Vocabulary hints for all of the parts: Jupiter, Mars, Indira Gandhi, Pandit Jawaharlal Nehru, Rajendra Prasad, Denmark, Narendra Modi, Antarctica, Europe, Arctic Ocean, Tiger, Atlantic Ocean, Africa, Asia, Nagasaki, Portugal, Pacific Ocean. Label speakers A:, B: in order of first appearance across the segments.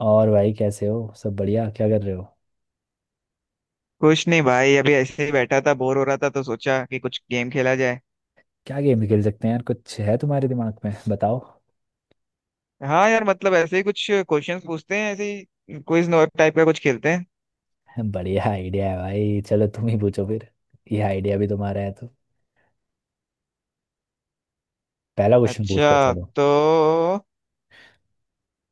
A: और भाई, कैसे हो? सब बढ़िया? क्या कर रहे हो?
B: कुछ नहीं भाई। अभी ऐसे ही बैठा था, बोर हो रहा था तो सोचा कि कुछ गेम खेला जाए।
A: क्या गेम खेल सकते हैं यार? कुछ है तुम्हारे दिमाग में? बताओ।
B: हाँ यार, मतलब ऐसे ही कुछ क्वेश्चंस पूछते हैं, ऐसे ही क्विज टाइप का कुछ खेलते हैं।
A: बढ़िया आइडिया है भाई। चलो तुम ही पूछो फिर। ये आइडिया भी तुम्हारा है तो पहला क्वेश्चन पूछ लो।
B: अच्छा
A: चलो
B: तो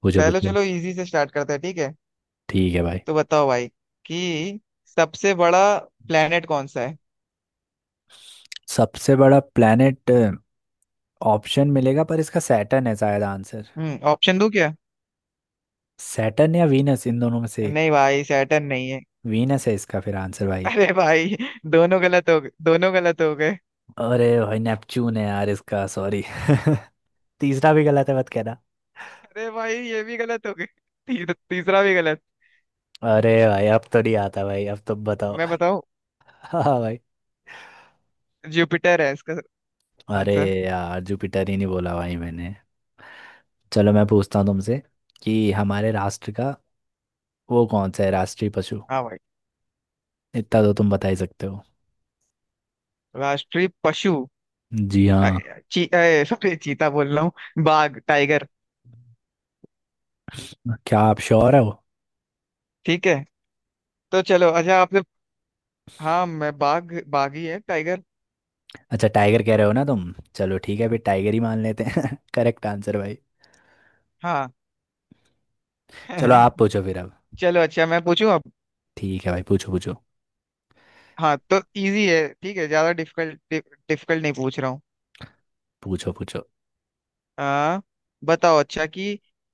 A: पूछो
B: पहले
A: पूछो।
B: चलो इजी से स्टार्ट करते हैं, ठीक है।
A: ठीक है भाई।
B: तो बताओ भाई कि सबसे बड़ा प्लेनेट कौन सा है।
A: सबसे बड़ा प्लेनेट। ऑप्शन मिलेगा पर इसका सैटर्न है शायद आंसर।
B: हम्म, ऑप्शन दूं क्या।
A: सैटर्न या वीनस, इन दोनों में से एक।
B: नहीं भाई, सैटर्न नहीं है।
A: वीनस है इसका फिर आंसर भाई।
B: अरे भाई, दोनों गलत हो गए, दोनों गलत हो गए।
A: अरे भाई नेपच्यून है यार इसका, सॉरी। तीसरा भी गलत है मत कहना।
B: अरे भाई ये भी गलत हो गए। तीसरा भी गलत।
A: अरे भाई अब तो नहीं आता भाई, अब तुम बताओ।
B: मैं बताऊं,
A: हाँ हाँ भाई।
B: जुपिटर है इसका
A: अरे
B: आंसर।
A: यार, जुपिटर ही नहीं बोला भाई मैंने। चलो मैं पूछता हूँ तुमसे, कि हमारे राष्ट्र का वो कौन सा है राष्ट्रीय पशु?
B: हाँ भाई।
A: इतना तो तुम बता ही सकते हो।
B: राष्ट्रीय पशु।
A: जी
B: अ-
A: हाँ।
B: सॉरी, चीता बोल रहा हूँ, बाघ, टाइगर।
A: क्या आप श्योर हो?
B: ठीक है, तो चलो अच्छा आपने। हाँ मैं बाघ, बाघ ही है, टाइगर।
A: अच्छा टाइगर कह रहे हो ना तुम? चलो ठीक है, फिर टाइगर ही मान लेते हैं। करेक्ट आंसर भाई।
B: हाँ
A: चलो आप पूछो फिर अब।
B: चलो अच्छा मैं पूछूं अब।
A: ठीक है भाई, पूछो पूछो।
B: हाँ तो इजी है, ठीक है, ज्यादा डिफिकल्ट डिफिकल्ट नहीं पूछ रहा हूँ।
A: पूछो पूछो।
B: आ, बताओ अच्छा कि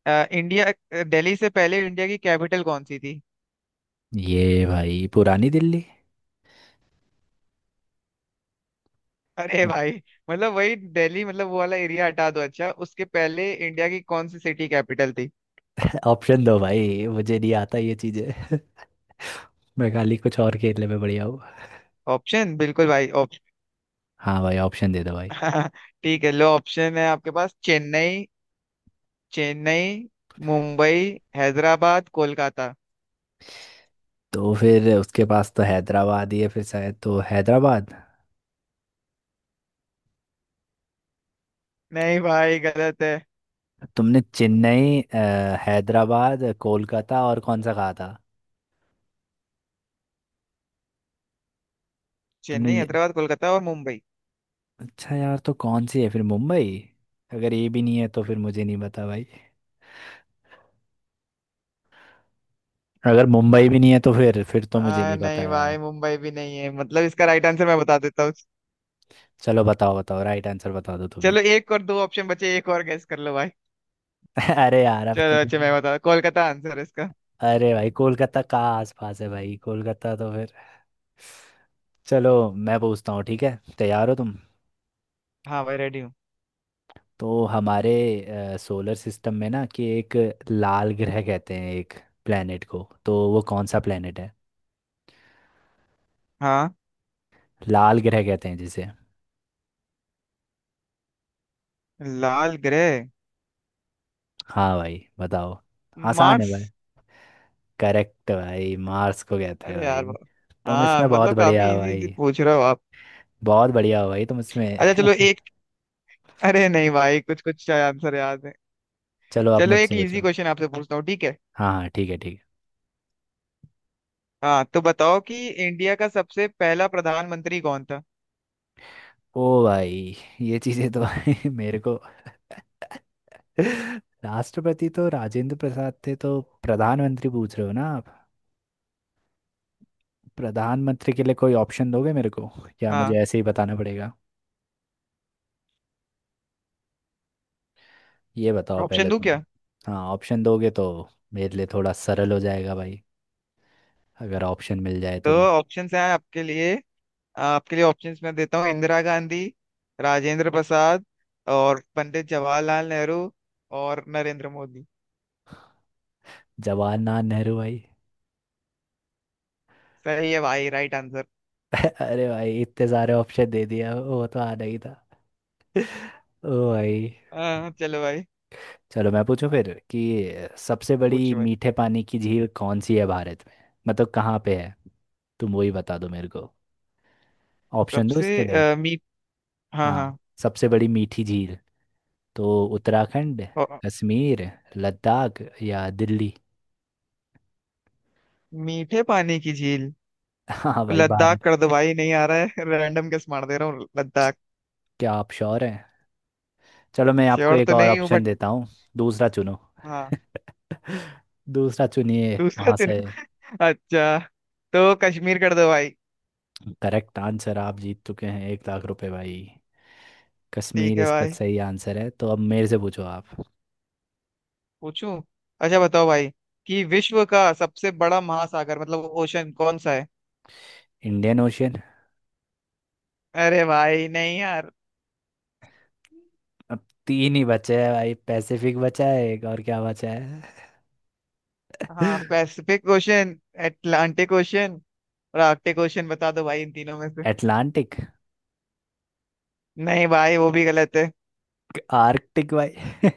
B: इंडिया दिल्ली से पहले इंडिया की कैपिटल कौन सी थी।
A: ये भाई, पुरानी दिल्ली।
B: अरे भाई, मतलब वही दिल्ली, मतलब वो वाला एरिया हटा दो, अच्छा उसके पहले इंडिया की कौन सी सिटी कैपिटल थी।
A: ऑप्शन दो भाई, मुझे नहीं आता ये चीजें। मैं खाली कुछ और खेलने में बढ़िया हूँ।
B: ऑप्शन बिल्कुल भाई।
A: हाँ भाई, ऑप्शन दे दो भाई।
B: ठीक है, लो ऑप्शन है आपके पास, चेन्नई, चेन्नई, मुंबई, हैदराबाद, कोलकाता।
A: तो फिर उसके पास तो हैदराबाद ही है फिर, शायद, तो हैदराबाद।
B: नहीं भाई, गलत है।
A: तुमने चेन्नई, हैदराबाद, कोलकाता और कौन सा कहा था? तुमने
B: चेन्नई,
A: ये
B: हैदराबाद, कोलकाता और मुंबई।
A: अच्छा यार तो कौन सी है फिर? मुंबई? अगर ये भी नहीं है तो फिर मुझे नहीं पता भाई। अगर मुंबई भी नहीं है तो फिर तो मुझे नहीं पता
B: नहीं
A: यार।
B: भाई, मुंबई भी नहीं है, मतलब इसका राइट आंसर मैं बता देता हूँ।
A: चलो बताओ बताओ, राइट आंसर बता दो तुम्हें।
B: चलो एक और दो ऑप्शन बचे, एक और गेस कर लो भाई।
A: अरे यार अब तो
B: चलो अच्छा मैं
A: मैंने-
B: बता, कोलकाता आंसर है इसका।
A: अरे भाई कोलकाता का आसपास है भाई, कोलकाता तो फिर। चलो मैं पूछता हूँ, ठीक है? तैयार हो तुम?
B: हाँ भाई, रेडी हूँ।
A: तो हमारे सोलर सिस्टम में ना, कि एक लाल ग्रह कहते हैं एक प्लेनेट को, तो वो कौन सा प्लेनेट है?
B: हाँ।
A: लाल ग्रह कहते हैं जिसे।
B: लाल ग्रह।
A: हाँ भाई बताओ। आसान है
B: मार्स।
A: भाई। करेक्ट भाई, मार्स को कहते हैं
B: अरे
A: भाई।
B: यार
A: तुम
B: हाँ
A: इसमें बहुत
B: मतलब
A: बढ़िया
B: काफी
A: हो
B: इजी इजी
A: भाई।
B: पूछ रहे हो आप।
A: बहुत बढ़िया हो भाई तुम
B: अच्छा
A: इसमें।
B: चलो एक। अरे नहीं भाई, कुछ कुछ आंसर याद है।
A: चलो आप
B: चलो
A: मुझसे
B: एक इजी
A: पूछो।
B: क्वेश्चन आपसे पूछता हूँ, ठीक है।
A: हाँ हाँ, ठीक है ठीक है।
B: हाँ तो बताओ कि इंडिया का सबसे पहला प्रधानमंत्री कौन था।
A: ओ भाई, ये चीज़ें तो भाई मेरे को। राष्ट्रपति तो राजेंद्र प्रसाद थे, तो प्रधानमंत्री पूछ रहे हो ना? प्रधानमंत्री के लिए कोई ऑप्शन दोगे मेरे को, या मुझे
B: हाँ।
A: ऐसे ही बताना पड़ेगा? ये बताओ
B: ऑप्शन
A: पहले
B: दूं
A: तुम।
B: क्या।
A: हाँ, ऑप्शन दोगे तो मेरे लिए थोड़ा सरल हो जाएगा भाई, अगर ऑप्शन मिल जाए
B: तो
A: तो।
B: ऑप्शंस हैं आपके लिए, आपके लिए ऑप्शंस मैं देता हूँ, इंदिरा गांधी, राजेंद्र प्रसाद और पंडित जवाहरलाल नेहरू और नरेंद्र मोदी।
A: जवाहरलाल नेहरू भाई।
B: सही है भाई, राइट आंसर।
A: अरे भाई इतने सारे ऑप्शन दे दिया, वो तो आना ही था। ओ भाई।
B: हाँ चलो भाई।
A: चलो मैं पूछूं फिर, कि सबसे बड़ी
B: पूछो भाई।
A: मीठे पानी की झील कौन सी है भारत में? मतलब कहाँ पे है, तुम वही बता दो मेरे को। ऑप्शन दो इसके
B: सबसे
A: लिए।
B: अ, मी हाँ
A: हाँ,
B: हाँ,
A: सबसे बड़ी मीठी झील। तो उत्तराखंड,
B: अ,
A: कश्मीर, लद्दाख या दिल्ली?
B: मीठे पानी की झील।
A: हाँ भाई,
B: लद्दाख
A: भारत।
B: कर दो भाई, नहीं आ रहा है। रैंडम गेस मार दे रहा हूँ, लद्दाख।
A: क्या आप श्योर हैं? चलो मैं आपको
B: श्योर
A: एक
B: तो
A: और
B: नहीं हूँ
A: ऑप्शन
B: बट।
A: देता हूँ, दूसरा चुनो।
B: हाँ।
A: दूसरा चुनिए
B: दूसरा
A: वहां से।
B: चुनो। अच्छा, तो कश्मीर कर दो भाई।
A: करेक्ट आंसर, आप जीत चुके हैं 1 लाख रुपए भाई। कश्मीर
B: ठीक है
A: इसका
B: भाई,
A: सही आंसर है। तो अब मेरे से पूछो आप।
B: पूछूं। अच्छा बताओ भाई कि विश्व का सबसे बड़ा महासागर, मतलब ओशन, कौन सा है।
A: Indian Ocean.
B: अरे भाई, नहीं यार।
A: अब तीन ही बचे हैं भाई, पैसिफिक बचा है, एक और क्या बचा है?
B: हाँ, पैसिफिक ओशन, अटलांटिक ओशन और आर्कटिक ओशन, बता दो भाई इन तीनों में से।
A: अटलांटिक।
B: नहीं भाई, वो भी गलत है।
A: आर्कटिक भाई।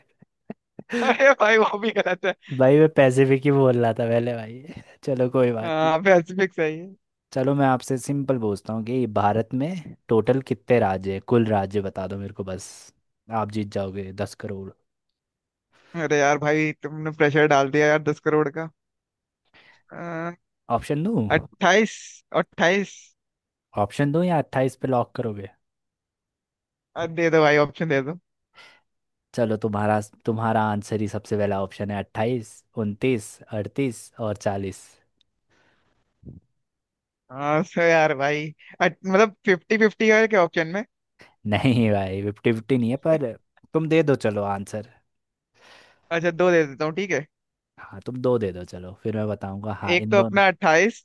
B: अरे भाई, वो भी गलत है।
A: भाई मैं पैसिफिक ही बोल रहा था पहले भाई। चलो कोई बात नहीं।
B: हाँ, पैसिफिक सही है।
A: चलो मैं आपसे सिंपल पूछता हूँ कि भारत में टोटल कितने राज्य हैं? कुल राज्य बता दो मेरे को बस, आप जीत जाओगे 10 करोड़।
B: अरे यार भाई, तुमने प्रेशर डाल दिया यार, 10 करोड़ का।
A: ऑप्शन दूँ?
B: 28, 28।
A: ऑप्शन दूँ या 28 पे लॉक करोगे?
B: दे दो भाई, ऑप्शन दे दो।
A: चलो तुम्हारा तुम्हारा आंसर ही सबसे पहला ऑप्शन है। 28, 29, 38 और 40।
B: हाँ सर, यार भाई, मतलब 50-50 है क्या ऑप्शन में।
A: नहीं भाई, 50-50 नहीं है पर तुम दे दो चलो आंसर।
B: अच्छा दो दे देता हूँ, ठीक है।
A: हाँ तुम दो दे दो, चलो फिर मैं बताऊंगा हाँ
B: एक
A: इन
B: तो
A: दोनों।
B: अपना 28।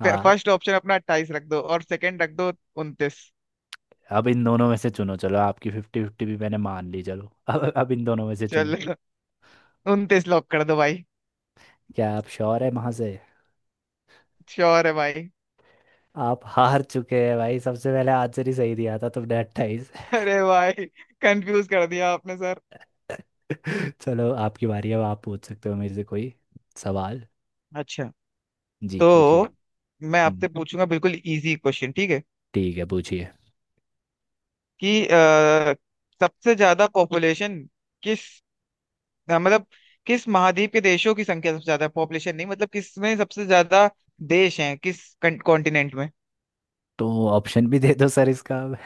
A: हाँ,
B: फर्स्ट ऑप्शन अपना 28 रख दो और सेकंड रख दो 29।
A: अब इन दोनों में से चुनो। चलो आपकी 50-50 भी मैंने मान ली। चलो अब इन दोनों में से चुनो।
B: चल, 29 लॉक कर दो भाई।
A: क्या आप श्योर है वहां से?
B: श्योर है भाई।
A: आप हार चुके हैं भाई, सबसे पहले आंसर ही सही दिया था तुमने, 28।
B: अरे भाई, कंफ्यूज कर दिया आपने सर।
A: चलो आपकी बारी है, अब आप पूछ सकते हो मेरे से कोई सवाल।
B: अच्छा
A: जी
B: तो
A: पूछिए।
B: मैं
A: हम्म,
B: आपसे पूछूंगा बिल्कुल इजी क्वेश्चन, ठीक है।
A: ठीक है पूछिए।
B: कि सबसे ज्यादा पॉपुलेशन किस, हाँ, मतलब किस महाद्वीप के देशों की संख्या सबसे ज्यादा है, पॉपुलेशन नहीं, मतलब किस में सबसे ज्यादा देश हैं, किस कॉन्टिनेंट में।
A: तो ऑप्शन भी दे दो सर इसका अब।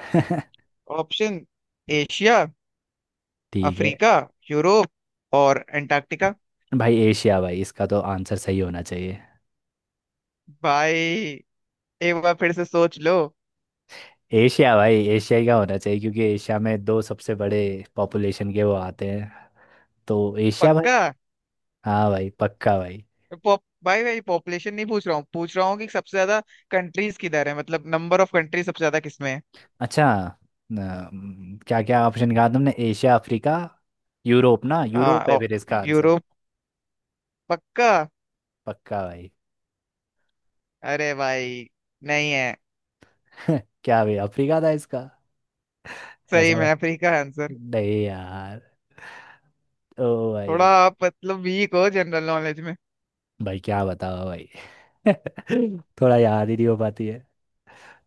B: ऑप्शन, एशिया,
A: ठीक है
B: अफ्रीका, यूरोप और एंटार्क्टिका।
A: भाई। एशिया भाई, इसका तो आंसर सही होना चाहिए।
B: भाई एक बार फिर से सोच लो।
A: एशिया भाई, एशिया ही का होना चाहिए क्योंकि एशिया में दो सबसे बड़े पॉपुलेशन के वो आते हैं। तो एशिया
B: पक्का।
A: भाई। हाँ भाई, पक्का भाई।
B: पॉप भाई भाई, पॉपुलेशन नहीं पूछ रहा हूँ, पूछ रहा हूँ कि सबसे ज्यादा कंट्रीज किधर है, मतलब नंबर ऑफ कंट्रीज सबसे ज्यादा किसमें है।
A: अच्छा, क्या क्या ऑप्शन कहा तुमने? एशिया, अफ्रीका, यूरोप ना?
B: हाँ
A: यूरोप है फिर इसका आंसर।
B: यूरोप। पक्का।
A: पक्का भाई।
B: अरे भाई नहीं है।
A: क्या भाई, अफ्रीका था इसका?
B: सही
A: ऐसा
B: में
A: बात
B: अफ्रीका है।
A: नहीं यार। ओ
B: थोड़ा
A: भाई।
B: आप मतलब वीक हो जनरल नॉलेज में।
A: भाई क्या बताओ भाई। थोड़ा याद ही नहीं हो पाती है।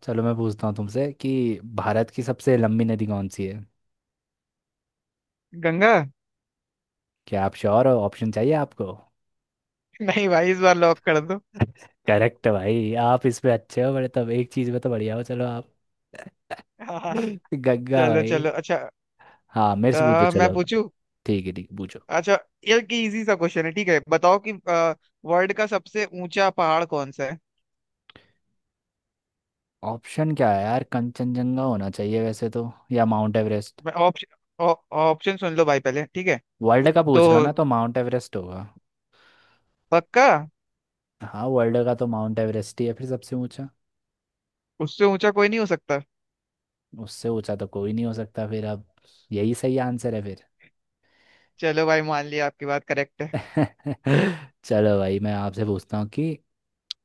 A: चलो मैं पूछता हूँ तुमसे कि भारत की सबसे लंबी नदी कौन सी है?
B: गंगा।
A: क्या आप श्योर हो? ऑप्शन चाहिए आपको?
B: नहीं भाई, इस बार लॉक कर दो।
A: करेक्ट भाई, आप इसमें अच्छे हो बड़े, तब एक चीज में तो बढ़िया हो चलो आप।
B: हाँ
A: गंगा
B: चलो
A: भाई।
B: चलो अच्छा।
A: हाँ, मेरे से पूछो
B: मैं
A: चलो।
B: पूछूं।
A: ठीक है ठीक है, पूछो।
B: अच्छा ये की इजी सा क्वेश्चन है, ठीक है, बताओ कि वर्ल्ड का सबसे ऊंचा पहाड़ कौन सा है।
A: ऑप्शन क्या है यार? कंचनजंगा होना चाहिए वैसे तो, या माउंट एवरेस्ट।
B: मैं ऑप्शन, ऑप्शन सुन लो भाई पहले, ठीक है।
A: वर्ल्ड का
B: तो
A: पूछ रहे हो ना? तो माउंट एवरेस्ट होगा।
B: पक्का।
A: हाँ, वर्ल्ड का तो माउंट एवरेस्ट ही है फिर सबसे ऊंचा।
B: उससे ऊंचा कोई नहीं हो सकता।
A: उससे ऊंचा तो कोई नहीं हो सकता फिर, अब यही सही आंसर है फिर।
B: चलो भाई मान लिया, आपकी बात करेक्ट है।
A: चलो भाई मैं आपसे पूछता हूँ कि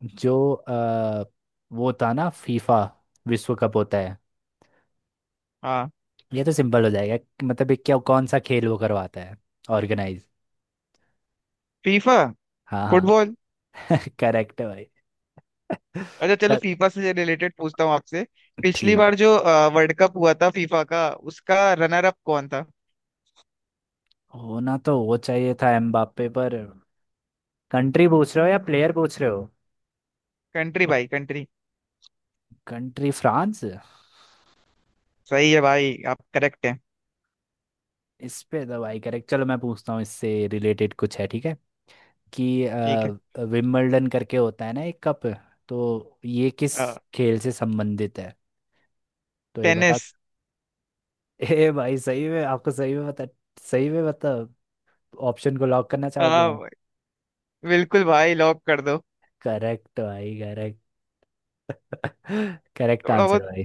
A: जो वो था ना फीफा विश्व कप होता है।
B: हाँ।
A: ये तो सिंपल हो जाएगा कि मतलब ये क्या, कौन सा खेल वो करवाता है, ऑर्गेनाइज?
B: फीफा।
A: हाँ
B: फुटबॉल।
A: हाँ। करेक्ट है भाई।
B: अच्छा चलो
A: सर,
B: फीफा से रिलेटेड पूछता हूँ आपसे। पिछली
A: ठीक है।
B: बार जो वर्ल्ड कप हुआ था फीफा का, उसका रनर अप कौन था।
A: होना तो वो चाहिए था एम्बाप्पे, पर कंट्री पूछ रहे हो या प्लेयर पूछ रहे हो?
B: कंट्री भाई, कंट्री।
A: Country, France.
B: सही है भाई, आप करेक्ट हैं।
A: इस पे तो भाई करेक्ट। चलो मैं पूछता हूँ इससे रिलेटेड कुछ है, ठीक है? कि
B: ठीक है।
A: विंबलडन करके होता है ना एक कप। तो ये किस खेल से संबंधित है? तो ये बता।
B: टेनिस।
A: ए भाई सही में? आपको सही में बता, सही में मतलब? ऑप्शन को लॉक करना चाहोगे आप?
B: हाँ, बिल्कुल भाई, लॉक कर दो।
A: करेक्ट भाई, करेक्ट। करेक्ट
B: थोड़ा
A: आंसर
B: बहुत।
A: भाई।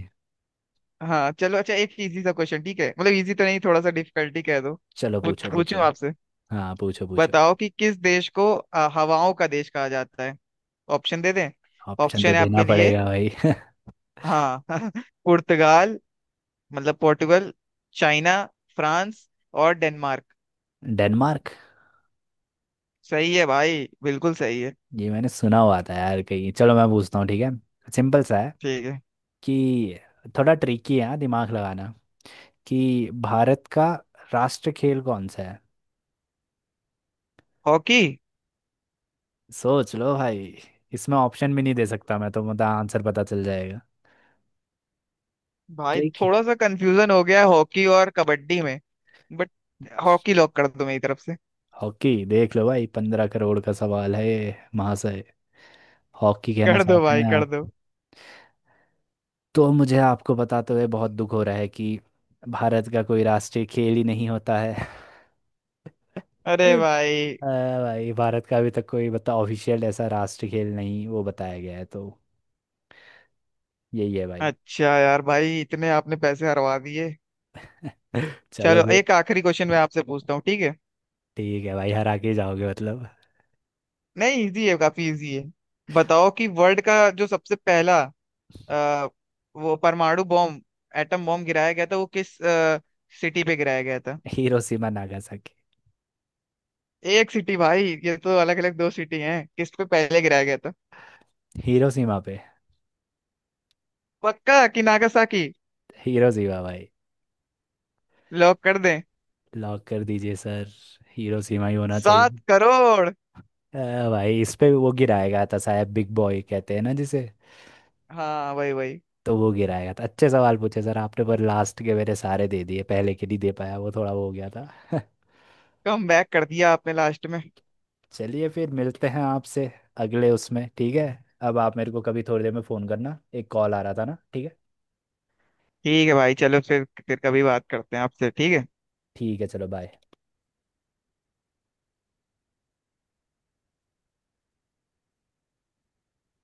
B: हाँ चलो अच्छा, एक इजी सा क्वेश्चन, ठीक है, मतलब इजी तो नहीं, थोड़ा सा डिफिकल्टी कह दो।
A: चलो पूछो पूछो।
B: पूछूं आपसे।
A: हाँ पूछो पूछो।
B: बताओ कि किस देश को हवाओं का देश कहा जाता है। ऑप्शन दे दें।
A: ऑप्शन
B: ऑप्शन
A: तो
B: है
A: देना
B: आपके लिए।
A: पड़ेगा भाई।
B: हाँ पुर्तगाल, मतलब पोर्टुगल, चाइना, फ्रांस और डेनमार्क।
A: डेनमार्क।
B: सही है भाई, बिल्कुल सही है।
A: ये मैंने सुना हुआ था यार कहीं। चलो मैं पूछता हूँ, ठीक है, सिंपल सा है।
B: ठीक है।
A: कि थोड़ा ट्रिकी है हाँ, दिमाग लगाना, कि भारत का राष्ट्र खेल कौन सा है?
B: हॉकी।
A: सोच लो भाई। इसमें ऑप्शन भी नहीं दे सकता मैं तो, मतलब आंसर पता चल जाएगा
B: भाई
A: ट्रिक।
B: थोड़ा सा कंफ्यूजन हो गया है हॉकी और कबड्डी में, बट हॉकी लॉक कर दो मेरी तरफ से।
A: हॉकी? देख लो भाई, 15 करोड़ का सवाल है ये, महाशय। हॉकी कहना
B: कर दो
A: चाहते
B: भाई,
A: हैं
B: कर दो।
A: आप? तो मुझे आपको बताते हुए बहुत दुख हो रहा है कि भारत का कोई राष्ट्रीय खेल ही नहीं होता है।
B: अरे भाई।
A: भाई भारत का अभी तक कोई बता ऑफिशियल ऐसा राष्ट्रीय खेल नहीं वो बताया गया है, तो यही है भाई।
B: अच्छा यार भाई, इतने आपने पैसे हरवा दिए।
A: चलो
B: चलो
A: फिर।
B: एक आखिरी क्वेश्चन मैं आपसे पूछता हूँ, ठीक है।
A: ठीक है भाई, हरा के जाओगे मतलब?
B: नहीं इजी है, काफी इजी है। बताओ कि वर्ल्ड का जो सबसे पहला अ, वो परमाणु बॉम्ब, एटम बॉम्ब गिराया गया था, वो किस सिटी पे गिराया गया था।
A: Hiroshima, Nagasaki.
B: एक सिटी भाई, ये तो अलग अलग दो सिटी हैं, किस पे पहले गिराया गया था।
A: हिरोशिमा पे।
B: पक्का कि नागासाकी।
A: हिरोशिमा भाई।
B: लॉक कर दें।
A: लॉक कर दीजिए सर। हिरोशिमा ही होना चाहिए।
B: 7 करोड़।
A: अ, भाई इस पे भी वो गिराएगा था साहब, बिग बॉय कहते हैं ना जिसे?
B: हाँ वही वही।
A: तो वो गिराएगा था। अच्छे सवाल पूछे सर आपने, पर लास्ट के मेरे सारे दे दिए, पहले के नहीं दे पाया, वो थोड़ा वो हो गया था।
B: कम बैक कर दिया आपने लास्ट में।
A: चलिए फिर मिलते हैं आपसे अगले उसमें, ठीक है? अब आप मेरे को कभी थोड़ी देर में फ़ोन करना, एक कॉल आ रहा था ना, ठीक है?
B: ठीक है भाई, चलो फिर कभी बात करते हैं आपसे, ठीक है।
A: ठीक है चलो बाय।